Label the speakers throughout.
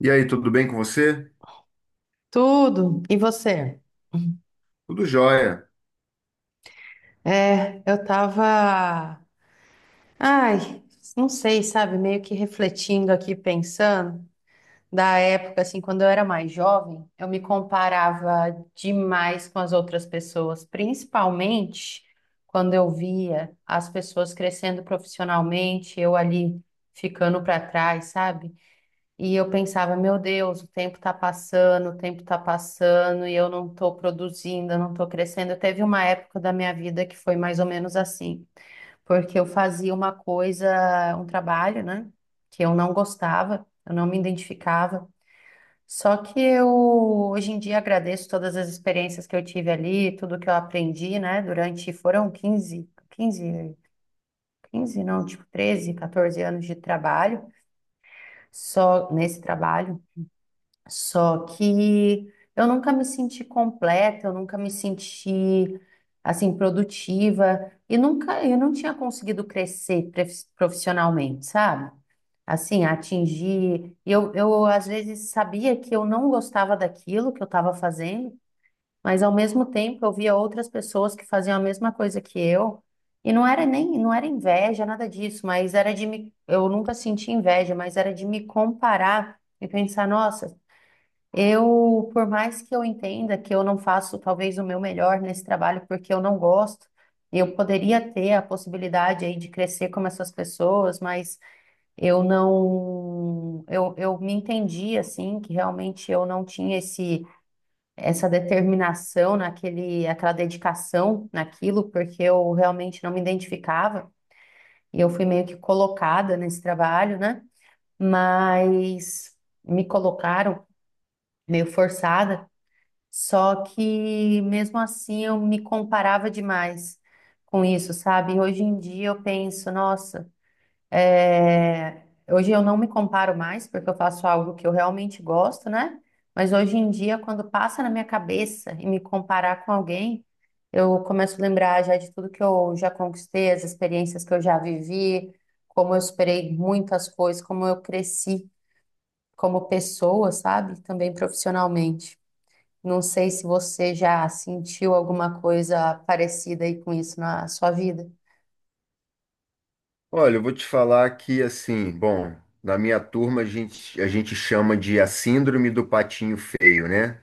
Speaker 1: E aí, tudo bem com você?
Speaker 2: Tudo. E você?
Speaker 1: Tudo jóia.
Speaker 2: É, eu tava, ai, não sei, sabe, meio que refletindo aqui, pensando da época assim, quando eu era mais jovem, eu me comparava demais com as outras pessoas, principalmente quando eu via as pessoas crescendo profissionalmente, eu ali ficando para trás, sabe? E eu pensava, meu Deus, o tempo está passando, o tempo está passando e eu não estou produzindo, eu não estou crescendo. Teve uma época da minha vida que foi mais ou menos assim, porque eu fazia uma coisa, um trabalho, né, que eu não gostava, eu não me identificava. Só que eu hoje em dia agradeço todas as experiências que eu tive ali, tudo que eu aprendi, né, durante foram 15 não, tipo 13 14 anos de trabalho, só nesse trabalho, só que eu nunca me senti completa, eu nunca me senti assim produtiva e nunca eu não tinha conseguido crescer profissionalmente, sabe? Assim, atingir. Eu às vezes sabia que eu não gostava daquilo que eu estava fazendo, mas ao mesmo tempo eu via outras pessoas que faziam a mesma coisa que eu. E não era nem, não era inveja, nada disso, mas era de me, eu nunca senti inveja, mas era de me comparar e pensar, nossa, eu, por mais que eu entenda que eu não faço talvez o meu melhor nesse trabalho porque eu não gosto, eu poderia ter a possibilidade aí de crescer como essas pessoas, mas eu não, eu me entendi assim que realmente eu não tinha esse, essa determinação naquele, aquela dedicação naquilo, porque eu realmente não me identificava e eu fui meio que colocada nesse trabalho, né? Mas me colocaram meio forçada. Só que mesmo assim eu me comparava demais com isso, sabe? E hoje em dia eu penso, nossa, é, hoje eu não me comparo mais porque eu faço algo que eu realmente gosto, né? Mas hoje em dia, quando passa na minha cabeça e me comparar com alguém, eu começo a lembrar já de tudo que eu já conquistei, as experiências que eu já vivi, como eu esperei muitas coisas, como eu cresci como pessoa, sabe? Também profissionalmente. Não sei se você já sentiu alguma coisa parecida aí com isso na sua vida.
Speaker 1: Olha, eu vou te falar que, assim, bom, na minha turma a gente chama de a síndrome do patinho feio, né?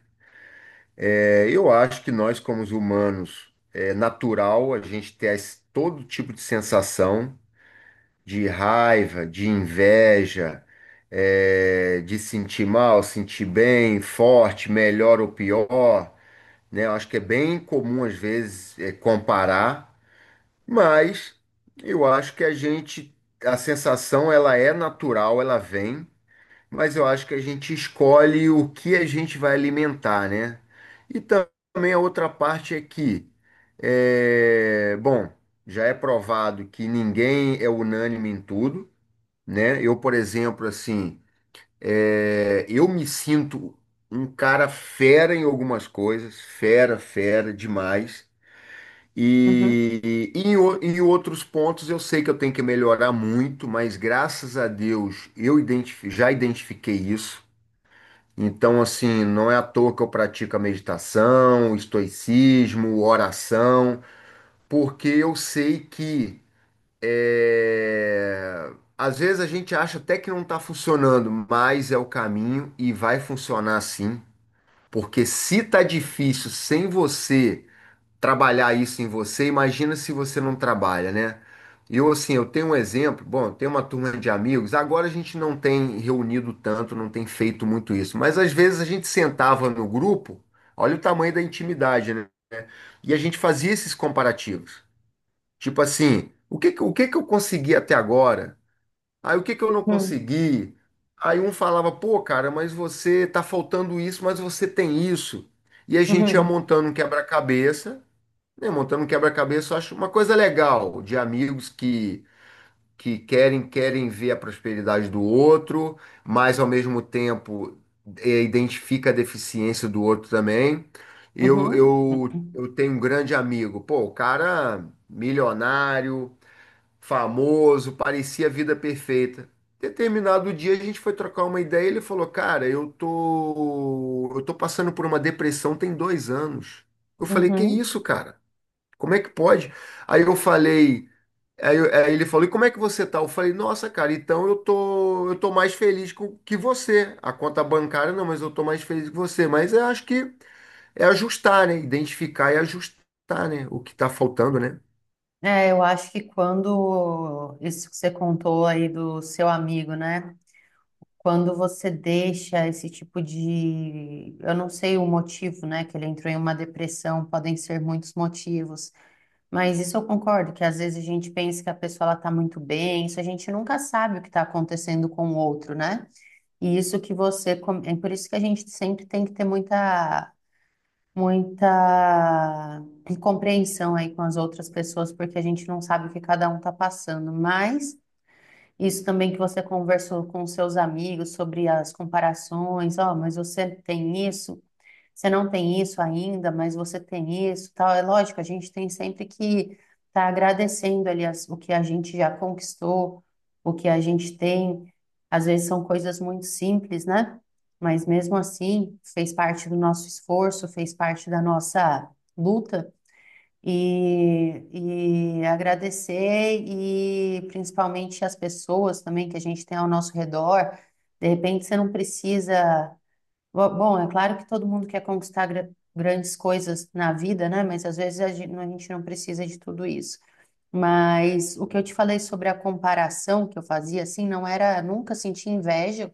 Speaker 1: É, eu acho que nós, como os humanos, é natural a gente ter todo tipo de sensação de raiva, de inveja, de sentir mal, sentir bem, forte, melhor ou pior, né? Eu acho que é bem comum, às vezes, comparar. Mas eu acho que a gente, a sensação ela é natural, ela vem, mas eu acho que a gente escolhe o que a gente vai alimentar, né? E também a outra parte é bom, já é provado que ninguém é unânime em tudo, né? Eu, por exemplo, assim, eu me sinto um cara fera em algumas coisas, fera, fera demais.
Speaker 2: Uhum,
Speaker 1: Em outros pontos eu sei que eu tenho que melhorar muito, mas graças a Deus eu já identifiquei isso. Então, assim, não é à toa que eu pratico a meditação, o estoicismo, oração, porque eu sei que é, às vezes a gente acha até que não está funcionando, mas é o caminho e vai funcionar sim. Porque se tá difícil sem você trabalhar isso em você, imagina se você não trabalha, né? Eu, assim, eu tenho um exemplo, bom, eu tenho uma turma de amigos, agora a gente não tem reunido tanto, não tem feito muito isso, mas às vezes a gente sentava no grupo, olha o tamanho da intimidade, né? E a gente fazia esses comparativos. Tipo assim, o que que eu consegui até agora? Aí o que que eu não
Speaker 2: uhum,
Speaker 1: consegui? Aí um falava, pô, cara, mas você tá faltando isso, mas você tem isso. E a gente ia
Speaker 2: uhum,
Speaker 1: montando um quebra-cabeça, né, montando um quebra-cabeça, eu acho uma coisa legal de amigos que querem ver a prosperidade do outro, mas ao mesmo tempo identifica a deficiência do outro também. Eu,
Speaker 2: uhum,
Speaker 1: eu,
Speaker 2: uhum,
Speaker 1: eu tenho um grande amigo, pô, o cara milionário, famoso, parecia a vida perfeita. Determinado dia a gente foi trocar uma ideia, e ele falou, cara, eu tô passando por uma depressão tem dois anos. Eu falei, que
Speaker 2: uhum.
Speaker 1: isso, cara? Como é que pode? Aí eu falei, aí ele falou, e como é que você tá? Eu falei, nossa, cara, então eu tô mais feliz que você. A conta bancária não, mas eu tô mais feliz que você. Mas eu acho que é ajustar, né? Identificar e ajustar, né? O que tá faltando, né?
Speaker 2: É, eu acho que quando isso que você contou aí do seu amigo, né? Quando você deixa esse tipo de, eu não sei o motivo, né, que ele entrou em uma depressão, podem ser muitos motivos, mas isso eu concordo que às vezes a gente pensa que a pessoa ela tá muito bem, isso a gente nunca sabe o que está acontecendo com o outro, né? E isso que você. É por isso que a gente sempre tem que ter muita, muita compreensão aí com as outras pessoas, porque a gente não sabe o que cada um está passando. Mas isso também que você conversou com seus amigos sobre as comparações, ó, mas você tem isso, você não tem isso ainda, mas você tem isso, tal. É lógico, a gente tem sempre que estar agradecendo ali o que a gente já conquistou, o que a gente tem. Às vezes são coisas muito simples, né? Mas mesmo assim, fez parte do nosso esforço, fez parte da nossa luta. E agradecer e principalmente as pessoas também que a gente tem ao nosso redor. De repente, você não precisa. Bom, é claro que todo mundo quer conquistar grandes coisas na vida, né? Mas às vezes a gente não precisa de tudo isso. Mas o que eu te falei sobre a comparação que eu fazia, assim, não era nunca sentir inveja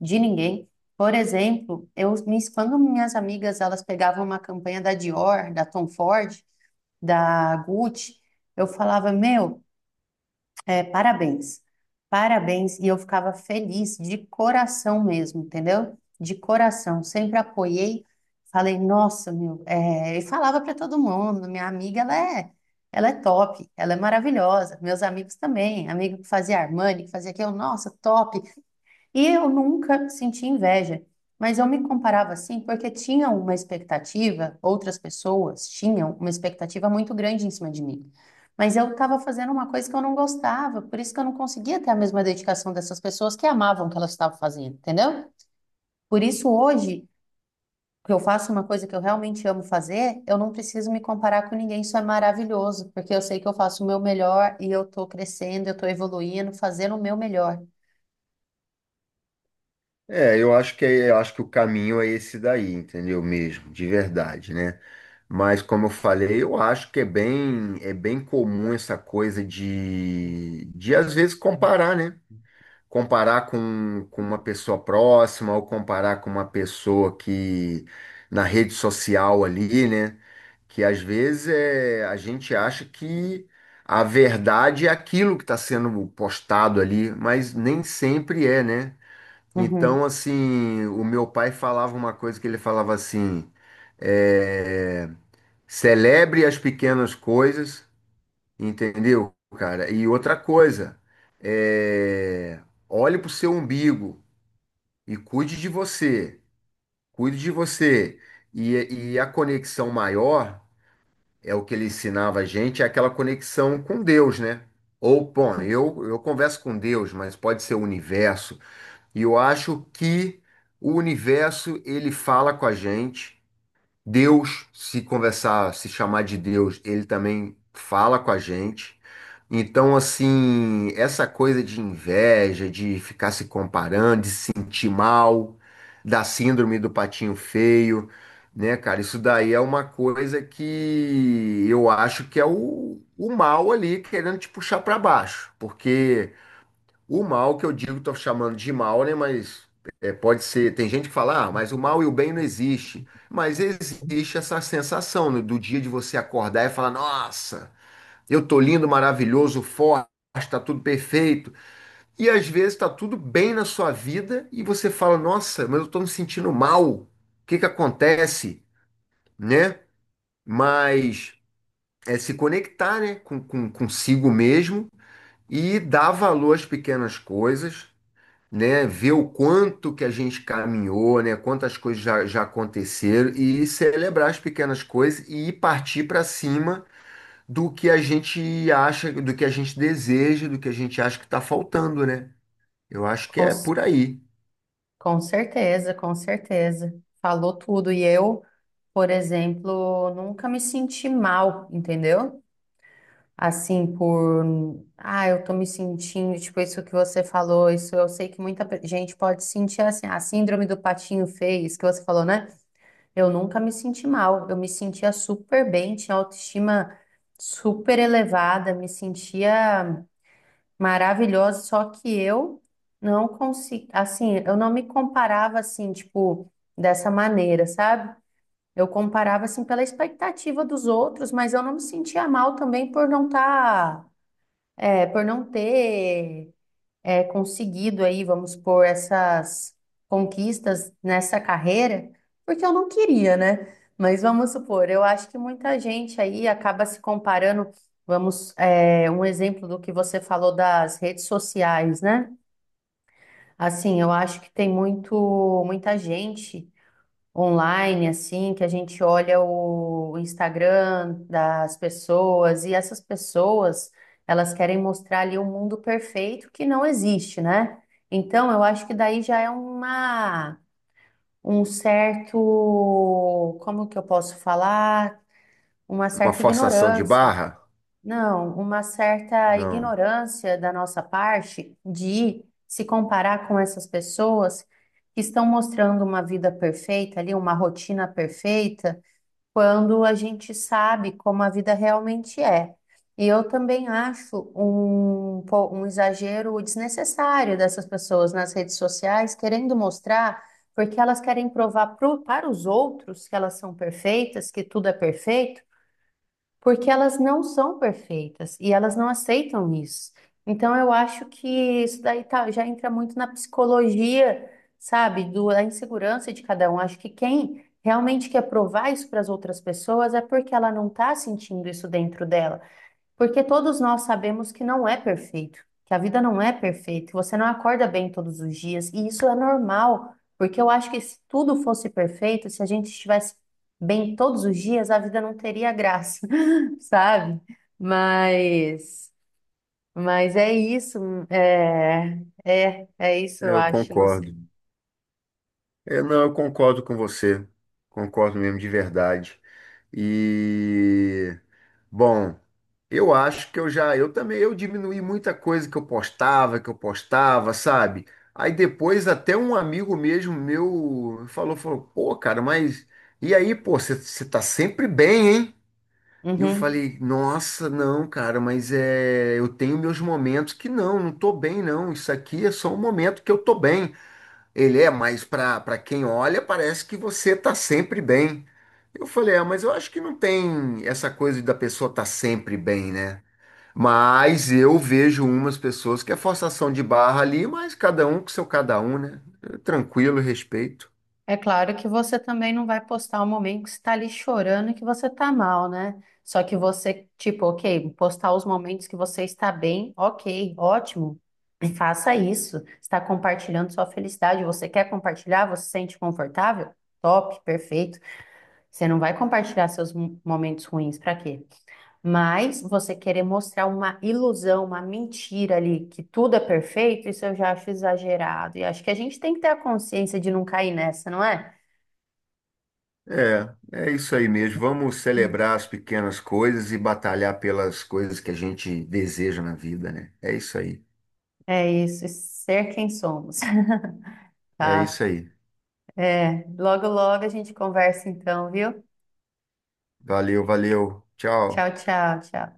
Speaker 2: de ninguém. Por exemplo, eu, quando minhas amigas elas pegavam uma campanha da Dior, da Tom Ford, da Gucci, eu falava, meu, parabéns. Parabéns. E eu ficava feliz de coração mesmo, entendeu? De coração. Sempre apoiei. Falei, nossa, meu. E falava para todo mundo. Minha amiga, ela é top. Ela é maravilhosa. Meus amigos também. Amigo que fazia Armani, que fazia aquilo. Nossa, top. E eu nunca senti inveja, mas eu me comparava assim porque tinha uma expectativa, outras pessoas tinham uma expectativa muito grande em cima de mim. Mas eu estava fazendo uma coisa que eu não gostava, por isso que eu não conseguia ter a mesma dedicação dessas pessoas que amavam o que elas estavam fazendo, entendeu? Por isso hoje, que eu faço uma coisa que eu realmente amo fazer, eu não preciso me comparar com ninguém, isso é maravilhoso, porque eu sei que eu faço o meu melhor e eu estou crescendo, eu estou evoluindo, fazendo o meu melhor.
Speaker 1: Eu acho que eu acho que o caminho é esse daí, entendeu mesmo, de verdade, né? Mas como eu falei, eu acho que é bem comum essa coisa de às vezes comparar, né? Comparar com uma pessoa próxima ou comparar com uma pessoa que na rede social ali, né? Que às vezes, a gente acha que a verdade é aquilo que está sendo postado ali, mas nem sempre é, né?
Speaker 2: Uhum.
Speaker 1: Então, assim, o meu pai falava uma coisa que ele falava assim, é, celebre as pequenas coisas, entendeu, cara? E outra coisa, é... olhe pro seu umbigo e cuide de você. Cuide de você. E a conexão maior é o que ele ensinava a gente, é aquela conexão com Deus, né? Ou, bom, eu converso com Deus, mas pode ser o universo. E eu acho que o universo, ele fala com a gente. Deus, se conversar, se chamar de Deus, ele também fala com a gente. Então, assim, essa coisa de inveja, de ficar se comparando, de se sentir mal, da síndrome do patinho feio, né, cara? Isso daí é uma coisa que eu acho que é o mal ali querendo te puxar para baixo. Porque o mal que eu digo, estou chamando de mal, né? Mas é, pode ser. Tem gente que fala, ah, mas o mal e o bem não existe. Mas existe essa sensação, né, do dia de você acordar e falar, nossa, eu tô lindo, maravilhoso, forte, tá tudo perfeito. E às vezes tá tudo bem na sua vida e você fala, nossa, mas eu tô me sentindo mal. O que que acontece, né? Mas é se conectar, né, consigo mesmo e dar valor às pequenas coisas, né, ver o quanto que a gente caminhou, né, quantas coisas já aconteceram e celebrar as pequenas coisas e partir para cima do que a gente acha, do que a gente deseja, do que a gente acha que está faltando, né? Eu acho que
Speaker 2: Com
Speaker 1: é por aí.
Speaker 2: Com certeza, com certeza. Falou tudo. E eu, por exemplo, nunca me senti mal, entendeu? Assim, por. Ah, eu tô me sentindo, tipo, isso que você falou, isso eu sei que muita gente pode sentir assim, a síndrome do patinho feio, isso que você falou, né? Eu nunca me senti mal, eu me sentia super bem, tinha autoestima super elevada, me sentia maravilhosa, só que eu não consigo, assim, eu não me comparava assim, tipo, dessa maneira, sabe? Eu comparava assim pela expectativa dos outros, mas eu não me sentia mal também por não estar, por não ter, conseguido aí, vamos pôr, essas conquistas nessa carreira, porque eu não queria, né? Mas vamos supor, eu acho que muita gente aí acaba se comparando. Vamos, um exemplo do que você falou das redes sociais, né? Assim, eu acho que tem muito, muita gente online, assim, que a gente olha o Instagram das pessoas e essas pessoas, elas querem mostrar ali um mundo perfeito que não existe, né? Então, eu acho que daí já é uma, um certo, como que eu posso falar? Uma
Speaker 1: Uma
Speaker 2: certa
Speaker 1: forçação de
Speaker 2: ignorância.
Speaker 1: barra?
Speaker 2: Não, uma certa
Speaker 1: Não,
Speaker 2: ignorância da nossa parte de se comparar com essas pessoas que estão mostrando uma vida perfeita ali, uma rotina perfeita, quando a gente sabe como a vida realmente é. E eu também acho um, um exagero desnecessário dessas pessoas nas redes sociais querendo mostrar, porque elas querem provar para os outros que elas são perfeitas, que tudo é perfeito porque elas não são perfeitas e elas não aceitam isso. Então, eu acho que isso daí já entra muito na psicologia, sabe, da insegurança de cada um. Acho que quem realmente quer provar isso para as outras pessoas é porque ela não está sentindo isso dentro dela. Porque todos nós sabemos que não é perfeito, que a vida não é perfeita, que você não acorda bem todos os dias, e isso é normal, porque eu acho que se tudo fosse perfeito, se a gente estivesse bem todos os dias, a vida não teria graça, sabe? Mas, mas é isso, é, é isso, eu
Speaker 1: eu
Speaker 2: acho, não
Speaker 1: concordo.
Speaker 2: sei.
Speaker 1: Eu não, eu concordo com você. Concordo mesmo de verdade. E bom, eu acho que eu já, eu também, eu diminuí muita coisa que eu postava, sabe? Aí depois até um amigo mesmo meu falou, pô, cara, mas e aí, pô, você tá sempre bem, hein? E eu
Speaker 2: Uhum.
Speaker 1: falei, nossa, não, cara, mas é, eu tenho meus momentos que não, não tô bem, não. Isso aqui é só um momento que eu tô bem. Ele é, mas para quem olha, parece que você tá sempre bem. Eu falei, ah, mas eu acho que não tem essa coisa da pessoa estar tá sempre bem, né? Mas eu vejo umas pessoas que é forçação de barra ali, mas cada um com seu cada um, né? Tranquilo, respeito.
Speaker 2: É claro que você também não vai postar o momento que você está ali chorando e que você está mal, né? Só que você, tipo, ok, postar os momentos que você está bem, ok, ótimo. E faça isso. Está compartilhando sua felicidade. Você quer compartilhar? Você se sente confortável? Top, perfeito. Você não vai compartilhar seus momentos ruins, para quê? Mas você querer mostrar uma ilusão, uma mentira ali, que tudo é perfeito, isso eu já acho exagerado. E acho que a gente tem que ter a consciência de não cair nessa, não é?
Speaker 1: É, é isso aí mesmo. Vamos celebrar as pequenas coisas e batalhar pelas coisas que a gente deseja na vida, né? É isso aí.
Speaker 2: É isso, ser quem somos.
Speaker 1: É isso
Speaker 2: Tá.
Speaker 1: aí.
Speaker 2: É, logo, logo a gente conversa então, viu?
Speaker 1: Valeu, valeu.
Speaker 2: Tchau,
Speaker 1: Tchau.
Speaker 2: tchau, tchau.